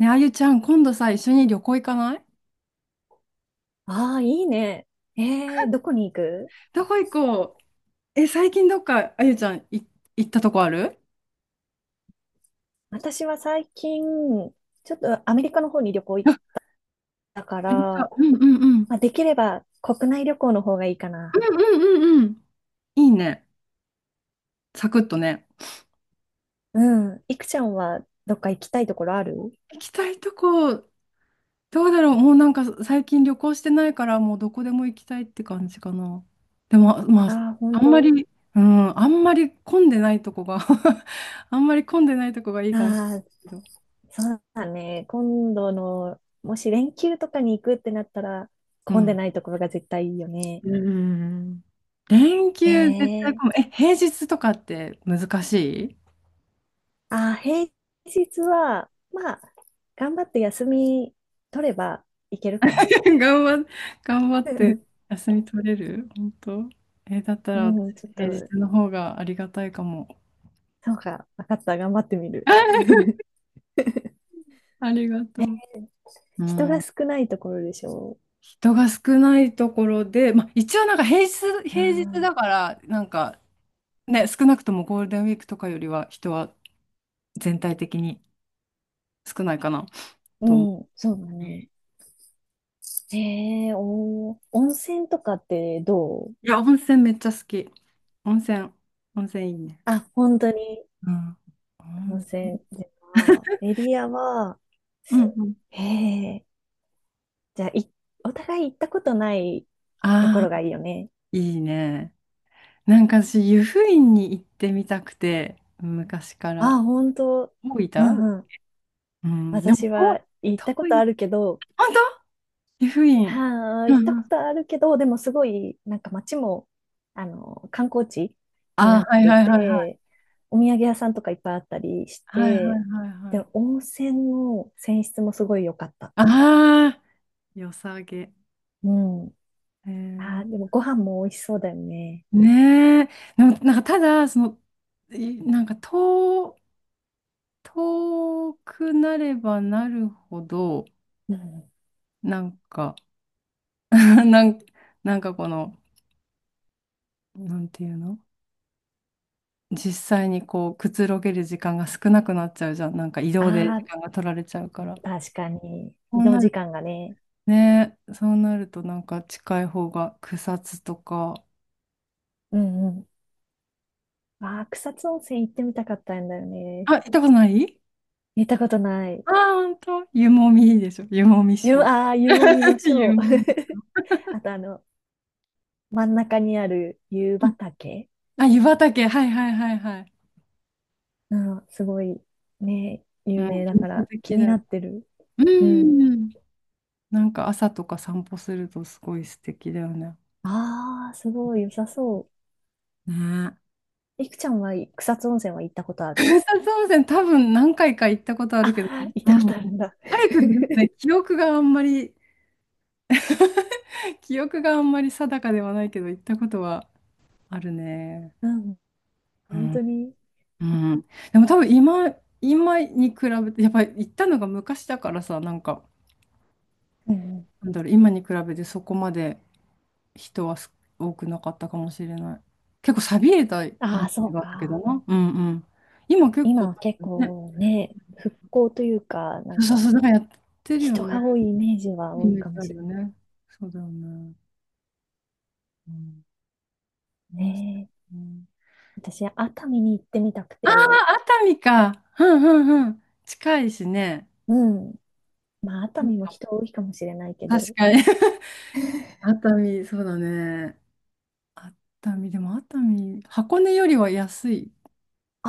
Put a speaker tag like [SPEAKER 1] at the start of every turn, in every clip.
[SPEAKER 1] ね、あゆちゃん、今度さ、一緒に旅行行かない？
[SPEAKER 2] ああ、いいね。どこに行く？
[SPEAKER 1] どこ行こう。え、最近どっか、あゆちゃん、行ったとこある？
[SPEAKER 2] 私は最近、ちょっとアメリカの方に旅行行っ
[SPEAKER 1] あ。
[SPEAKER 2] たか
[SPEAKER 1] 何か
[SPEAKER 2] ら、
[SPEAKER 1] うんうんうん。うん。
[SPEAKER 2] まあ、できれば国内旅行の方がいいか
[SPEAKER 1] う
[SPEAKER 2] な。
[SPEAKER 1] んうんうん。いいね。サクッとね。
[SPEAKER 2] うん。いくちゃんはどっか行きたいところある？
[SPEAKER 1] 行きたいとこ、どうだろう。もうなんか最近旅行してないから、もうどこでも行きたいって感じかな。でも、まあ、
[SPEAKER 2] ああー、
[SPEAKER 1] あ
[SPEAKER 2] 本
[SPEAKER 1] んま
[SPEAKER 2] 当。
[SPEAKER 1] り、うん、あんまり混んでないとこが あんまり混んでないとこがいいかもし
[SPEAKER 2] ああ、
[SPEAKER 1] れないけど。
[SPEAKER 2] そうだね。今度の、もし連休とかに行くってなったら、混んでないところが絶対いいよね。
[SPEAKER 1] うん。連休絶対
[SPEAKER 2] え
[SPEAKER 1] こむ。
[SPEAKER 2] え
[SPEAKER 1] え、平日とかって難しい？
[SPEAKER 2] 平日は、まあ、頑張って休み取ればいけるかな。
[SPEAKER 1] 頑張っ、頑張って 休み取れる本当？え、だった
[SPEAKER 2] う
[SPEAKER 1] ら私、
[SPEAKER 2] ん、ちょっと、
[SPEAKER 1] 平日の方がありがたいかも。
[SPEAKER 2] そうか、分かった、頑張ってみる。
[SPEAKER 1] ありがとう。う
[SPEAKER 2] 人が
[SPEAKER 1] ん。
[SPEAKER 2] 少ないところでしょ
[SPEAKER 1] 人が少ないところで、まあ、一応なんか平日、
[SPEAKER 2] う。
[SPEAKER 1] 平日だから、なんかね、少なくともゴールデンウィークとかよりは人は全体的に少ないかなと思う。
[SPEAKER 2] うん、そうだね。温泉とかってどう？
[SPEAKER 1] いや、温泉めっちゃ好き。温泉、温泉いいね。
[SPEAKER 2] あ、本当に？
[SPEAKER 1] うん。
[SPEAKER 2] 温泉では、エリアは、
[SPEAKER 1] うんうん。
[SPEAKER 2] えー、じゃあ、お互い行ったことないとこ
[SPEAKER 1] あ
[SPEAKER 2] ろが
[SPEAKER 1] あ、
[SPEAKER 2] いいよね。
[SPEAKER 1] いいね。なんか私、湯布院に行ってみたくて、昔か
[SPEAKER 2] あ、
[SPEAKER 1] ら。
[SPEAKER 2] 本当。
[SPEAKER 1] 大
[SPEAKER 2] う
[SPEAKER 1] 分。
[SPEAKER 2] んうん。
[SPEAKER 1] うん。でも、
[SPEAKER 2] 私
[SPEAKER 1] 遠い。
[SPEAKER 2] は行ったこ
[SPEAKER 1] 遠
[SPEAKER 2] と
[SPEAKER 1] い
[SPEAKER 2] あるけど、
[SPEAKER 1] 本当？湯布院。
[SPEAKER 2] はあ、
[SPEAKER 1] う
[SPEAKER 2] 行っ
[SPEAKER 1] ん
[SPEAKER 2] た
[SPEAKER 1] う
[SPEAKER 2] こ
[SPEAKER 1] ん。
[SPEAKER 2] とあるけど、でもすごい、なんか街も、観光地に
[SPEAKER 1] あ
[SPEAKER 2] なっ
[SPEAKER 1] あ、はい
[SPEAKER 2] て
[SPEAKER 1] はいはいはい。
[SPEAKER 2] て、お土産屋さんとかいっぱいあったりし
[SPEAKER 1] はいは
[SPEAKER 2] て、
[SPEAKER 1] いはいは
[SPEAKER 2] で、
[SPEAKER 1] い。
[SPEAKER 2] 温泉の泉質もすごい良かった。
[SPEAKER 1] ああ、良さげ。
[SPEAKER 2] うん。
[SPEAKER 1] え
[SPEAKER 2] あ
[SPEAKER 1] ー、
[SPEAKER 2] あ、でもご飯も美味しそうだよね。
[SPEAKER 1] ねえ。でも、なんかただ、その、なんか遠くなればなるほど、
[SPEAKER 2] うん。
[SPEAKER 1] なんか、なん、なんかこの、なんていうの？実際にこう、くつろげる時間が少なくなっちゃうじゃん。なんか移動で
[SPEAKER 2] あ
[SPEAKER 1] 時
[SPEAKER 2] あ、
[SPEAKER 1] 間が取られちゃうから。
[SPEAKER 2] 確かに。
[SPEAKER 1] そ
[SPEAKER 2] 移
[SPEAKER 1] う
[SPEAKER 2] 動
[SPEAKER 1] な
[SPEAKER 2] 時
[SPEAKER 1] る
[SPEAKER 2] 間がね。
[SPEAKER 1] ね、そうなるとなんか近い方が草津とか。
[SPEAKER 2] うんうん。ああ、草津温泉行ってみたかったんだよね。
[SPEAKER 1] あ、行ったことない？
[SPEAKER 2] 行ったことない。
[SPEAKER 1] ああー、ほんと？湯もみいいでしょ。湯もみショー。
[SPEAKER 2] ああ、湯もみの シ
[SPEAKER 1] 湯
[SPEAKER 2] ョ
[SPEAKER 1] もみ。
[SPEAKER 2] ー。あと真ん中にある湯
[SPEAKER 1] うん。
[SPEAKER 2] 畑、
[SPEAKER 1] あ、湯畑。はいはいはいはい。
[SPEAKER 2] うん、すごいね、
[SPEAKER 1] うん、
[SPEAKER 2] 有名だか
[SPEAKER 1] 幻想
[SPEAKER 2] ら気
[SPEAKER 1] 的だ
[SPEAKER 2] に
[SPEAKER 1] よ。
[SPEAKER 2] なってる。
[SPEAKER 1] う
[SPEAKER 2] うん。
[SPEAKER 1] ん。なんか朝とか散歩するとすごい素敵だよね。
[SPEAKER 2] ああ、すごい良さそ
[SPEAKER 1] ね。
[SPEAKER 2] う。いくちゃんは草津温泉は行ったことあ
[SPEAKER 1] 草
[SPEAKER 2] る？
[SPEAKER 1] 津温泉多分何回か行ったことあるけど、う
[SPEAKER 2] あ、行ったこ
[SPEAKER 1] ん。
[SPEAKER 2] とあるんだ。
[SPEAKER 1] 早くですね、記憶があんまり、記憶があんまり定かではないけど、行ったことはあるね。
[SPEAKER 2] うん、
[SPEAKER 1] う
[SPEAKER 2] 本当
[SPEAKER 1] ん。
[SPEAKER 2] に。
[SPEAKER 1] うん。でも多分今に比べて、やっぱり行ったのが昔だからさ、なんか、
[SPEAKER 2] うんうん。
[SPEAKER 1] なんだろう、今に比べてそこまで人は多くなかったかもしれない。結構寂れたイメ
[SPEAKER 2] あ
[SPEAKER 1] ー
[SPEAKER 2] あ、そ
[SPEAKER 1] ジ
[SPEAKER 2] う
[SPEAKER 1] があったけど
[SPEAKER 2] か。
[SPEAKER 1] な。うんうん。今結
[SPEAKER 2] 今
[SPEAKER 1] 構
[SPEAKER 2] は
[SPEAKER 1] 多
[SPEAKER 2] 結
[SPEAKER 1] 分ね、
[SPEAKER 2] 構ね、復興というか、な
[SPEAKER 1] そ
[SPEAKER 2] ん
[SPEAKER 1] うそうそ
[SPEAKER 2] か
[SPEAKER 1] う、なんかやってるよ
[SPEAKER 2] 人
[SPEAKER 1] ね。
[SPEAKER 2] が多いイメージは
[SPEAKER 1] イ
[SPEAKER 2] 多い
[SPEAKER 1] メー
[SPEAKER 2] か
[SPEAKER 1] ジ
[SPEAKER 2] も
[SPEAKER 1] あ
[SPEAKER 2] し
[SPEAKER 1] る
[SPEAKER 2] れ
[SPEAKER 1] よね。そうだよね。うん。う
[SPEAKER 2] な
[SPEAKER 1] ん
[SPEAKER 2] いね。
[SPEAKER 1] うん。
[SPEAKER 2] 私、熱海に行ってみたく
[SPEAKER 1] あ
[SPEAKER 2] て、
[SPEAKER 1] あ、熱海か。うんうんうん。近いしね。
[SPEAKER 2] うん。まあ、熱
[SPEAKER 1] いい
[SPEAKER 2] 海も
[SPEAKER 1] か
[SPEAKER 2] 人多いかもしれないけ
[SPEAKER 1] も確
[SPEAKER 2] ど。
[SPEAKER 1] かに。熱海、そうだね。熱海、でも熱海、箱根よりは安い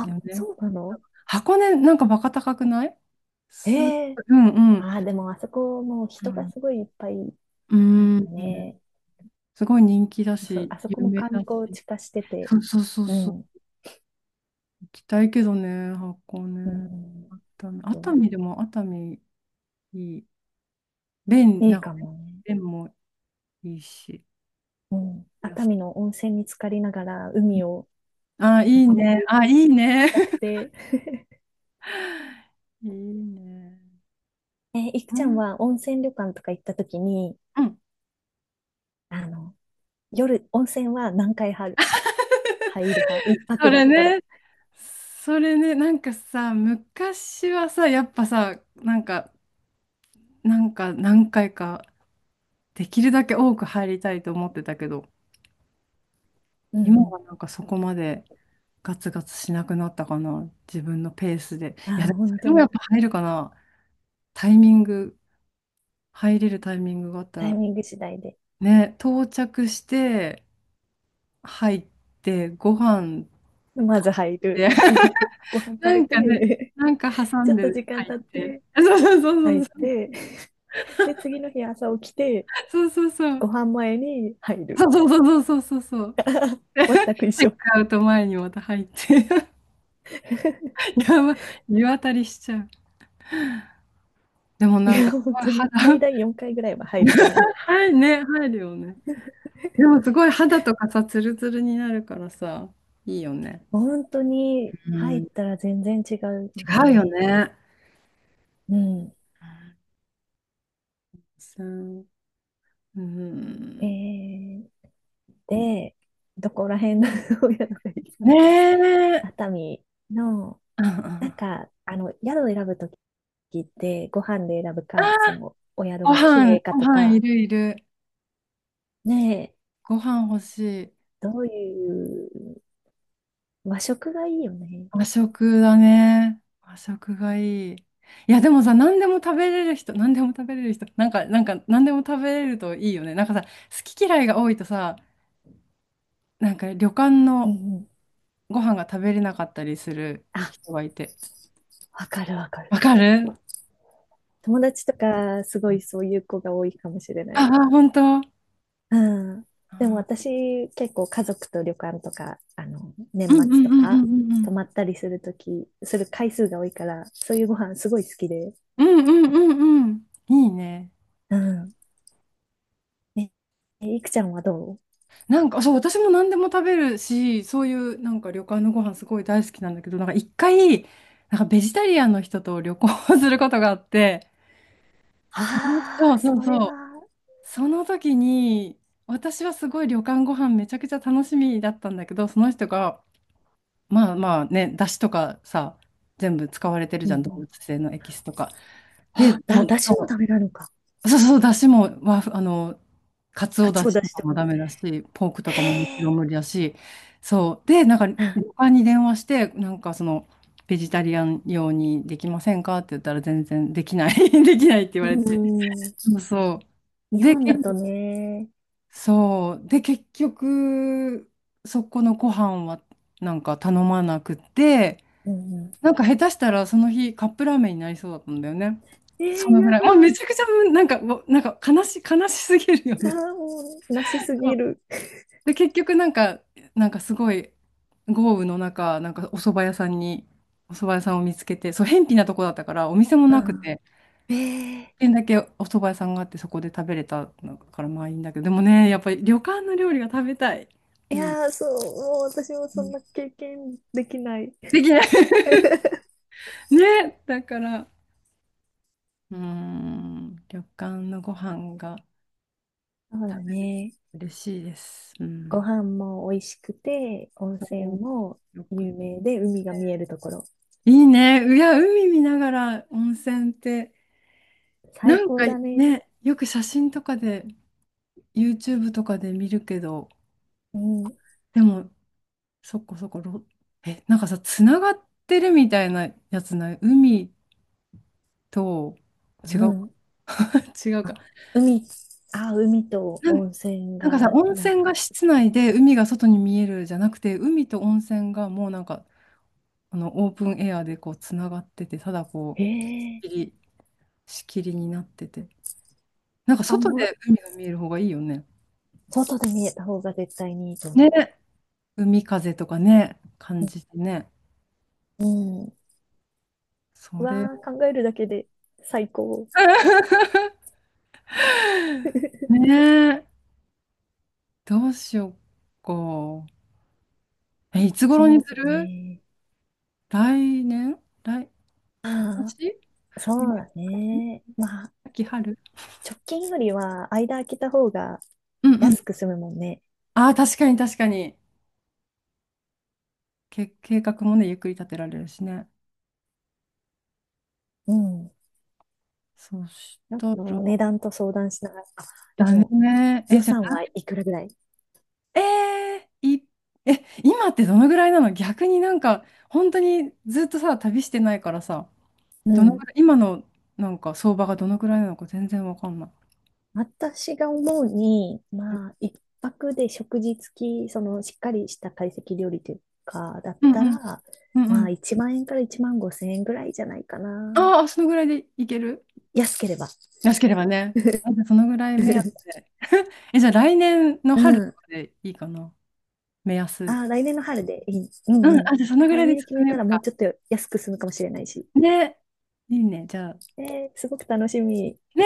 [SPEAKER 1] よね。
[SPEAKER 2] そうなの？
[SPEAKER 1] 箱根、なんかバカ高くない？う
[SPEAKER 2] へえ。
[SPEAKER 1] ん。うん。
[SPEAKER 2] ああ、でもあそこもう
[SPEAKER 1] う
[SPEAKER 2] 人が
[SPEAKER 1] ん、
[SPEAKER 2] すごいいっぱい、
[SPEAKER 1] う
[SPEAKER 2] なん
[SPEAKER 1] ん
[SPEAKER 2] か
[SPEAKER 1] うん。
[SPEAKER 2] ね、
[SPEAKER 1] すごい人気だ
[SPEAKER 2] そう、
[SPEAKER 1] し、
[SPEAKER 2] あそこ
[SPEAKER 1] 有
[SPEAKER 2] も
[SPEAKER 1] 名
[SPEAKER 2] 観
[SPEAKER 1] だ
[SPEAKER 2] 光
[SPEAKER 1] し。
[SPEAKER 2] 地化してて、
[SPEAKER 1] そうそうそう
[SPEAKER 2] う
[SPEAKER 1] そ
[SPEAKER 2] ん、
[SPEAKER 1] う。行きたいけどね、箱
[SPEAKER 2] う
[SPEAKER 1] 根。
[SPEAKER 2] ん
[SPEAKER 1] 熱海、熱
[SPEAKER 2] と、
[SPEAKER 1] 海でも熱海いい。
[SPEAKER 2] い
[SPEAKER 1] な
[SPEAKER 2] い
[SPEAKER 1] んか
[SPEAKER 2] か
[SPEAKER 1] ね、
[SPEAKER 2] もね。
[SPEAKER 1] 便もいいし。
[SPEAKER 2] うん。
[SPEAKER 1] や
[SPEAKER 2] 熱
[SPEAKER 1] す
[SPEAKER 2] 海の温泉に浸かりながら海を
[SPEAKER 1] あ、いい
[SPEAKER 2] 眺め
[SPEAKER 1] ね。あ、いいね。
[SPEAKER 2] たくて。
[SPEAKER 1] いいね。
[SPEAKER 2] いく
[SPEAKER 1] う
[SPEAKER 2] ちゃん
[SPEAKER 1] ん。
[SPEAKER 2] は温泉旅館とか行った時に、
[SPEAKER 1] うん。
[SPEAKER 2] あの、夜、温泉は何回入る派、一泊
[SPEAKER 1] そ
[SPEAKER 2] だ
[SPEAKER 1] れ
[SPEAKER 2] ったら？
[SPEAKER 1] ね。それね。なんかさ、昔はさ、やっぱさ、なんか何回か、できるだけ多く入りたいと思ってたけど、
[SPEAKER 2] う
[SPEAKER 1] 今
[SPEAKER 2] んう
[SPEAKER 1] は
[SPEAKER 2] ん。
[SPEAKER 1] なんかそこまでガツガツしなくなったかな。自分のペースで。いや、
[SPEAKER 2] ああ、
[SPEAKER 1] でもそ
[SPEAKER 2] 本
[SPEAKER 1] れでもやっ
[SPEAKER 2] 当？
[SPEAKER 1] ぱ入るかな。タイミング、入れるタイミングがあった
[SPEAKER 2] タイ
[SPEAKER 1] ら。
[SPEAKER 2] ミング次第で。
[SPEAKER 1] ね、到着して、入って、ご飯
[SPEAKER 2] ま
[SPEAKER 1] 食
[SPEAKER 2] ず入る。
[SPEAKER 1] べて、
[SPEAKER 2] ご飯 食
[SPEAKER 1] な
[SPEAKER 2] べ
[SPEAKER 1] んかね、
[SPEAKER 2] て、
[SPEAKER 1] なんか挟
[SPEAKER 2] ちょ
[SPEAKER 1] ん
[SPEAKER 2] っ
[SPEAKER 1] で
[SPEAKER 2] と時間
[SPEAKER 1] 入っ
[SPEAKER 2] 経っ
[SPEAKER 1] て、
[SPEAKER 2] て
[SPEAKER 1] そうそうそ
[SPEAKER 2] 入っ
[SPEAKER 1] うそう、
[SPEAKER 2] て、で、次の日朝起きて、
[SPEAKER 1] そうそうそう、
[SPEAKER 2] ご飯前に入る。
[SPEAKER 1] そうそうそうそうそうそう、
[SPEAKER 2] 全く
[SPEAKER 1] チ
[SPEAKER 2] 一
[SPEAKER 1] ェック
[SPEAKER 2] 緒。
[SPEAKER 1] アウト前にまた入って、やば、湯あたりしちゃう。でも
[SPEAKER 2] い
[SPEAKER 1] なん
[SPEAKER 2] や、
[SPEAKER 1] か、す
[SPEAKER 2] 本
[SPEAKER 1] ごい
[SPEAKER 2] 当に
[SPEAKER 1] 肌。
[SPEAKER 2] 最大4回ぐらいは入るかもね。
[SPEAKER 1] はいね、入るよね。でもすごい肌とかさ、ツルツルになるからさ、いいよね。
[SPEAKER 2] 本当に
[SPEAKER 1] う
[SPEAKER 2] 入
[SPEAKER 1] ん、
[SPEAKER 2] っ
[SPEAKER 1] 違
[SPEAKER 2] たら全然違うよ
[SPEAKER 1] うよ
[SPEAKER 2] ね。
[SPEAKER 1] ね。
[SPEAKER 2] うん。
[SPEAKER 1] そうん、う
[SPEAKER 2] え
[SPEAKER 1] ん。
[SPEAKER 2] ー、で、どこら辺の 親のがいいかな？
[SPEAKER 1] ねえ。
[SPEAKER 2] 熱海の。
[SPEAKER 1] うんうん。
[SPEAKER 2] なん
[SPEAKER 1] あ
[SPEAKER 2] か、宿を選ぶときって、ご飯で選ぶ
[SPEAKER 1] あ、
[SPEAKER 2] か、お宿
[SPEAKER 1] ご
[SPEAKER 2] が綺
[SPEAKER 1] 飯、
[SPEAKER 2] 麗か
[SPEAKER 1] ご
[SPEAKER 2] と
[SPEAKER 1] 飯い
[SPEAKER 2] か、
[SPEAKER 1] るいる。
[SPEAKER 2] ねえ、
[SPEAKER 1] ご飯欲しい。
[SPEAKER 2] どういう、和食がいいよね。
[SPEAKER 1] 和食だね。和食がいい。いや、でもさ、何でも食べれる人、なんか、何でも食べれるといいよね。なんかさ、好き嫌いが多いとさ、なんか旅館
[SPEAKER 2] うん
[SPEAKER 1] の
[SPEAKER 2] うん。
[SPEAKER 1] ご飯が食べれなかったりする
[SPEAKER 2] あ、
[SPEAKER 1] 人がいて。
[SPEAKER 2] わかるわかる。
[SPEAKER 1] わかる。
[SPEAKER 2] 友達とか、すごいそういう子が多いかもしれな
[SPEAKER 1] あ
[SPEAKER 2] い。
[SPEAKER 1] あ、本当？
[SPEAKER 2] うん。でも私、結構家族と旅館とか、年
[SPEAKER 1] うんう
[SPEAKER 2] 末
[SPEAKER 1] ん
[SPEAKER 2] と
[SPEAKER 1] うんうんう
[SPEAKER 2] か、
[SPEAKER 1] んう
[SPEAKER 2] 泊
[SPEAKER 1] ん。
[SPEAKER 2] まったりするとき、する回数が多いから、そういうご飯すごい好きで。
[SPEAKER 1] うんうんうんうん。いいね。
[SPEAKER 2] うん。え、いくちゃんはどう？
[SPEAKER 1] なんか、そう、私も何でも食べるし、そういうなんか旅館のご飯すごい大好きなんだけど、なんか一回、なんかベジタリアンの人と旅行をすることがあって、その、
[SPEAKER 2] あ
[SPEAKER 1] そ
[SPEAKER 2] あ、
[SPEAKER 1] うそ
[SPEAKER 2] そ
[SPEAKER 1] う
[SPEAKER 2] れ
[SPEAKER 1] そう、
[SPEAKER 2] は、
[SPEAKER 1] その時に、私はすごい旅館ご飯めちゃくちゃ楽しみだったんだけど、その人が、まあまあね、出汁とかさ、全部使われてる
[SPEAKER 2] うん
[SPEAKER 1] じ
[SPEAKER 2] う
[SPEAKER 1] ゃん、動
[SPEAKER 2] ん。
[SPEAKER 1] 物性のエキスとか。で、
[SPEAKER 2] あ、
[SPEAKER 1] も
[SPEAKER 2] だ、
[SPEAKER 1] う、
[SPEAKER 2] だしも
[SPEAKER 1] そ
[SPEAKER 2] ダ
[SPEAKER 1] う
[SPEAKER 2] メなのか。
[SPEAKER 1] そうそう、出汁も、和風あの、かつお
[SPEAKER 2] か
[SPEAKER 1] 出
[SPEAKER 2] つお
[SPEAKER 1] 汁
[SPEAKER 2] だ
[SPEAKER 1] と
[SPEAKER 2] し
[SPEAKER 1] か
[SPEAKER 2] と
[SPEAKER 1] も
[SPEAKER 2] かも。
[SPEAKER 1] ダメだし、ポークと
[SPEAKER 2] へ
[SPEAKER 1] かももちろん
[SPEAKER 2] え。
[SPEAKER 1] 無理だし、そう。で、なんか、旅
[SPEAKER 2] あ
[SPEAKER 1] 館に電話して、なんかその、ベジタリアン用にできませんかって言ったら全然できない、できないって言
[SPEAKER 2] う
[SPEAKER 1] われて。
[SPEAKER 2] んうん。
[SPEAKER 1] そうそ
[SPEAKER 2] 日
[SPEAKER 1] う。で、
[SPEAKER 2] 本だとね。
[SPEAKER 1] そう。で、結局、そこのご飯はなんか頼まなくて、
[SPEAKER 2] うんう
[SPEAKER 1] なんか下手したらその日カップラーメンになりそうだったんだよね。
[SPEAKER 2] ん。
[SPEAKER 1] その
[SPEAKER 2] や
[SPEAKER 1] ぐ
[SPEAKER 2] だ。
[SPEAKER 1] らい。もうめちゃくちゃなんか、もうなんか悲しすぎるよね。
[SPEAKER 2] もう、なしす
[SPEAKER 1] そ
[SPEAKER 2] ぎ
[SPEAKER 1] う
[SPEAKER 2] る。
[SPEAKER 1] で、結局なんか、なんかすごい豪雨の中、お蕎麦屋さんを見つけて、そう、辺鄙なとこだったから、お店も
[SPEAKER 2] う
[SPEAKER 1] なくて、
[SPEAKER 2] ん。
[SPEAKER 1] 一
[SPEAKER 2] え
[SPEAKER 1] 軒だけお蕎麦屋さんがあって、そこで食べれたのからまあいいんだけど、でもね、やっぱり旅館の料理が食べたい。う
[SPEAKER 2] い
[SPEAKER 1] ん。
[SPEAKER 2] やー、そう、もう私も
[SPEAKER 1] う
[SPEAKER 2] そん
[SPEAKER 1] ん。
[SPEAKER 2] な経験できない。
[SPEAKER 1] できない。 ね、だから、うーん、旅館のご飯が。
[SPEAKER 2] そうだ
[SPEAKER 1] 食べれる
[SPEAKER 2] ね。
[SPEAKER 1] 嬉しいです。う
[SPEAKER 2] ご
[SPEAKER 1] ん。
[SPEAKER 2] 飯も美味しくて、温泉
[SPEAKER 1] そ
[SPEAKER 2] も
[SPEAKER 1] う。よく。
[SPEAKER 2] 有名で、海が見えるところ。
[SPEAKER 1] いいね。いや、海見ながら温泉って、な
[SPEAKER 2] 最
[SPEAKER 1] ん
[SPEAKER 2] 高
[SPEAKER 1] か
[SPEAKER 2] だね。
[SPEAKER 1] ね、よく写真とかで、YouTube とかで見るけど、
[SPEAKER 2] うん。
[SPEAKER 1] でも、そこそこ、なんかさ、つながってるみたいなやつない？海と、違
[SPEAKER 2] う
[SPEAKER 1] うか。
[SPEAKER 2] ん。
[SPEAKER 1] 違うか。
[SPEAKER 2] あ、海、海と
[SPEAKER 1] なん
[SPEAKER 2] 温泉
[SPEAKER 1] なんかさ、
[SPEAKER 2] が、
[SPEAKER 1] 温
[SPEAKER 2] なん
[SPEAKER 1] 泉が
[SPEAKER 2] か、
[SPEAKER 1] 室内で海が外に見えるじゃなくて、海と温泉がもうなんかあのオープンエアでこうつながってて、ただこ
[SPEAKER 2] へ
[SPEAKER 1] う、仕
[SPEAKER 2] え、
[SPEAKER 1] 切り、仕切りになってて、なんか
[SPEAKER 2] あん
[SPEAKER 1] 外
[SPEAKER 2] ま、
[SPEAKER 1] で海が見える方がいいよね。
[SPEAKER 2] 外で見えた方が絶対にいいと思
[SPEAKER 1] ね、海風とかね、感じてね。
[SPEAKER 2] う。うん。う
[SPEAKER 1] それ
[SPEAKER 2] わあ、
[SPEAKER 1] を
[SPEAKER 2] 考えるだけで最高。
[SPEAKER 1] ね え、どうしようか。え、いつ頃
[SPEAKER 2] そ
[SPEAKER 1] に
[SPEAKER 2] う
[SPEAKER 1] す
[SPEAKER 2] だ
[SPEAKER 1] る？
[SPEAKER 2] ね。
[SPEAKER 1] 来年
[SPEAKER 2] あ
[SPEAKER 1] 今年、
[SPEAKER 2] あ、そ
[SPEAKER 1] 冬、
[SPEAKER 2] うだね。まあ、
[SPEAKER 1] 秋、春。
[SPEAKER 2] 直近よりは間空けた方が
[SPEAKER 1] うんう
[SPEAKER 2] 安
[SPEAKER 1] ん。
[SPEAKER 2] く済むもんね。
[SPEAKER 1] ああ、確かに確かに。計画もね、ゆっくり立てられるしね。
[SPEAKER 2] うん。
[SPEAKER 1] そし
[SPEAKER 2] ちょっ
[SPEAKER 1] たら、
[SPEAKER 2] と値段と相談しながら。あ、で
[SPEAKER 1] だ
[SPEAKER 2] も
[SPEAKER 1] ね。え、
[SPEAKER 2] 予
[SPEAKER 1] じゃ
[SPEAKER 2] 算
[SPEAKER 1] あ
[SPEAKER 2] はいくらぐらい？
[SPEAKER 1] えー、い、え、今ってどのぐらいなの？逆になんか、本当にずっとさ、旅してないからさ、
[SPEAKER 2] う
[SPEAKER 1] どのぐ
[SPEAKER 2] ん。
[SPEAKER 1] らい、今のなんか相場がどのぐらいなのか全然わかんない。
[SPEAKER 2] 私が思うに、まあ、一泊で食事付き、しっかりした懐石料理というか、だっ
[SPEAKER 1] うんう
[SPEAKER 2] た
[SPEAKER 1] ん。
[SPEAKER 2] ら、
[SPEAKER 1] うんう
[SPEAKER 2] まあ、
[SPEAKER 1] ん。
[SPEAKER 2] 1万円から1万5千円ぐらいじゃないかな。
[SPEAKER 1] ああ、そのぐらいでいける？
[SPEAKER 2] 安ければ。
[SPEAKER 1] 安ければね。あ、じゃあそのぐらい目安 で。え、じゃあ来年の
[SPEAKER 2] う
[SPEAKER 1] 春と
[SPEAKER 2] ん。
[SPEAKER 1] かでいいかな？目安。
[SPEAKER 2] ああ、来年の春でいい。うん
[SPEAKER 1] うん、
[SPEAKER 2] う
[SPEAKER 1] あ、じゃあその
[SPEAKER 2] ん。
[SPEAKER 1] ぐら
[SPEAKER 2] 早
[SPEAKER 1] い
[SPEAKER 2] め
[SPEAKER 1] で
[SPEAKER 2] に決
[SPEAKER 1] 進
[SPEAKER 2] め
[SPEAKER 1] めよ
[SPEAKER 2] た
[SPEAKER 1] う
[SPEAKER 2] らもう
[SPEAKER 1] か。
[SPEAKER 2] ちょっと安く済むかもしれないし。
[SPEAKER 1] ね。いいね、じゃあ。
[SPEAKER 2] えすごく楽しみ。
[SPEAKER 1] ね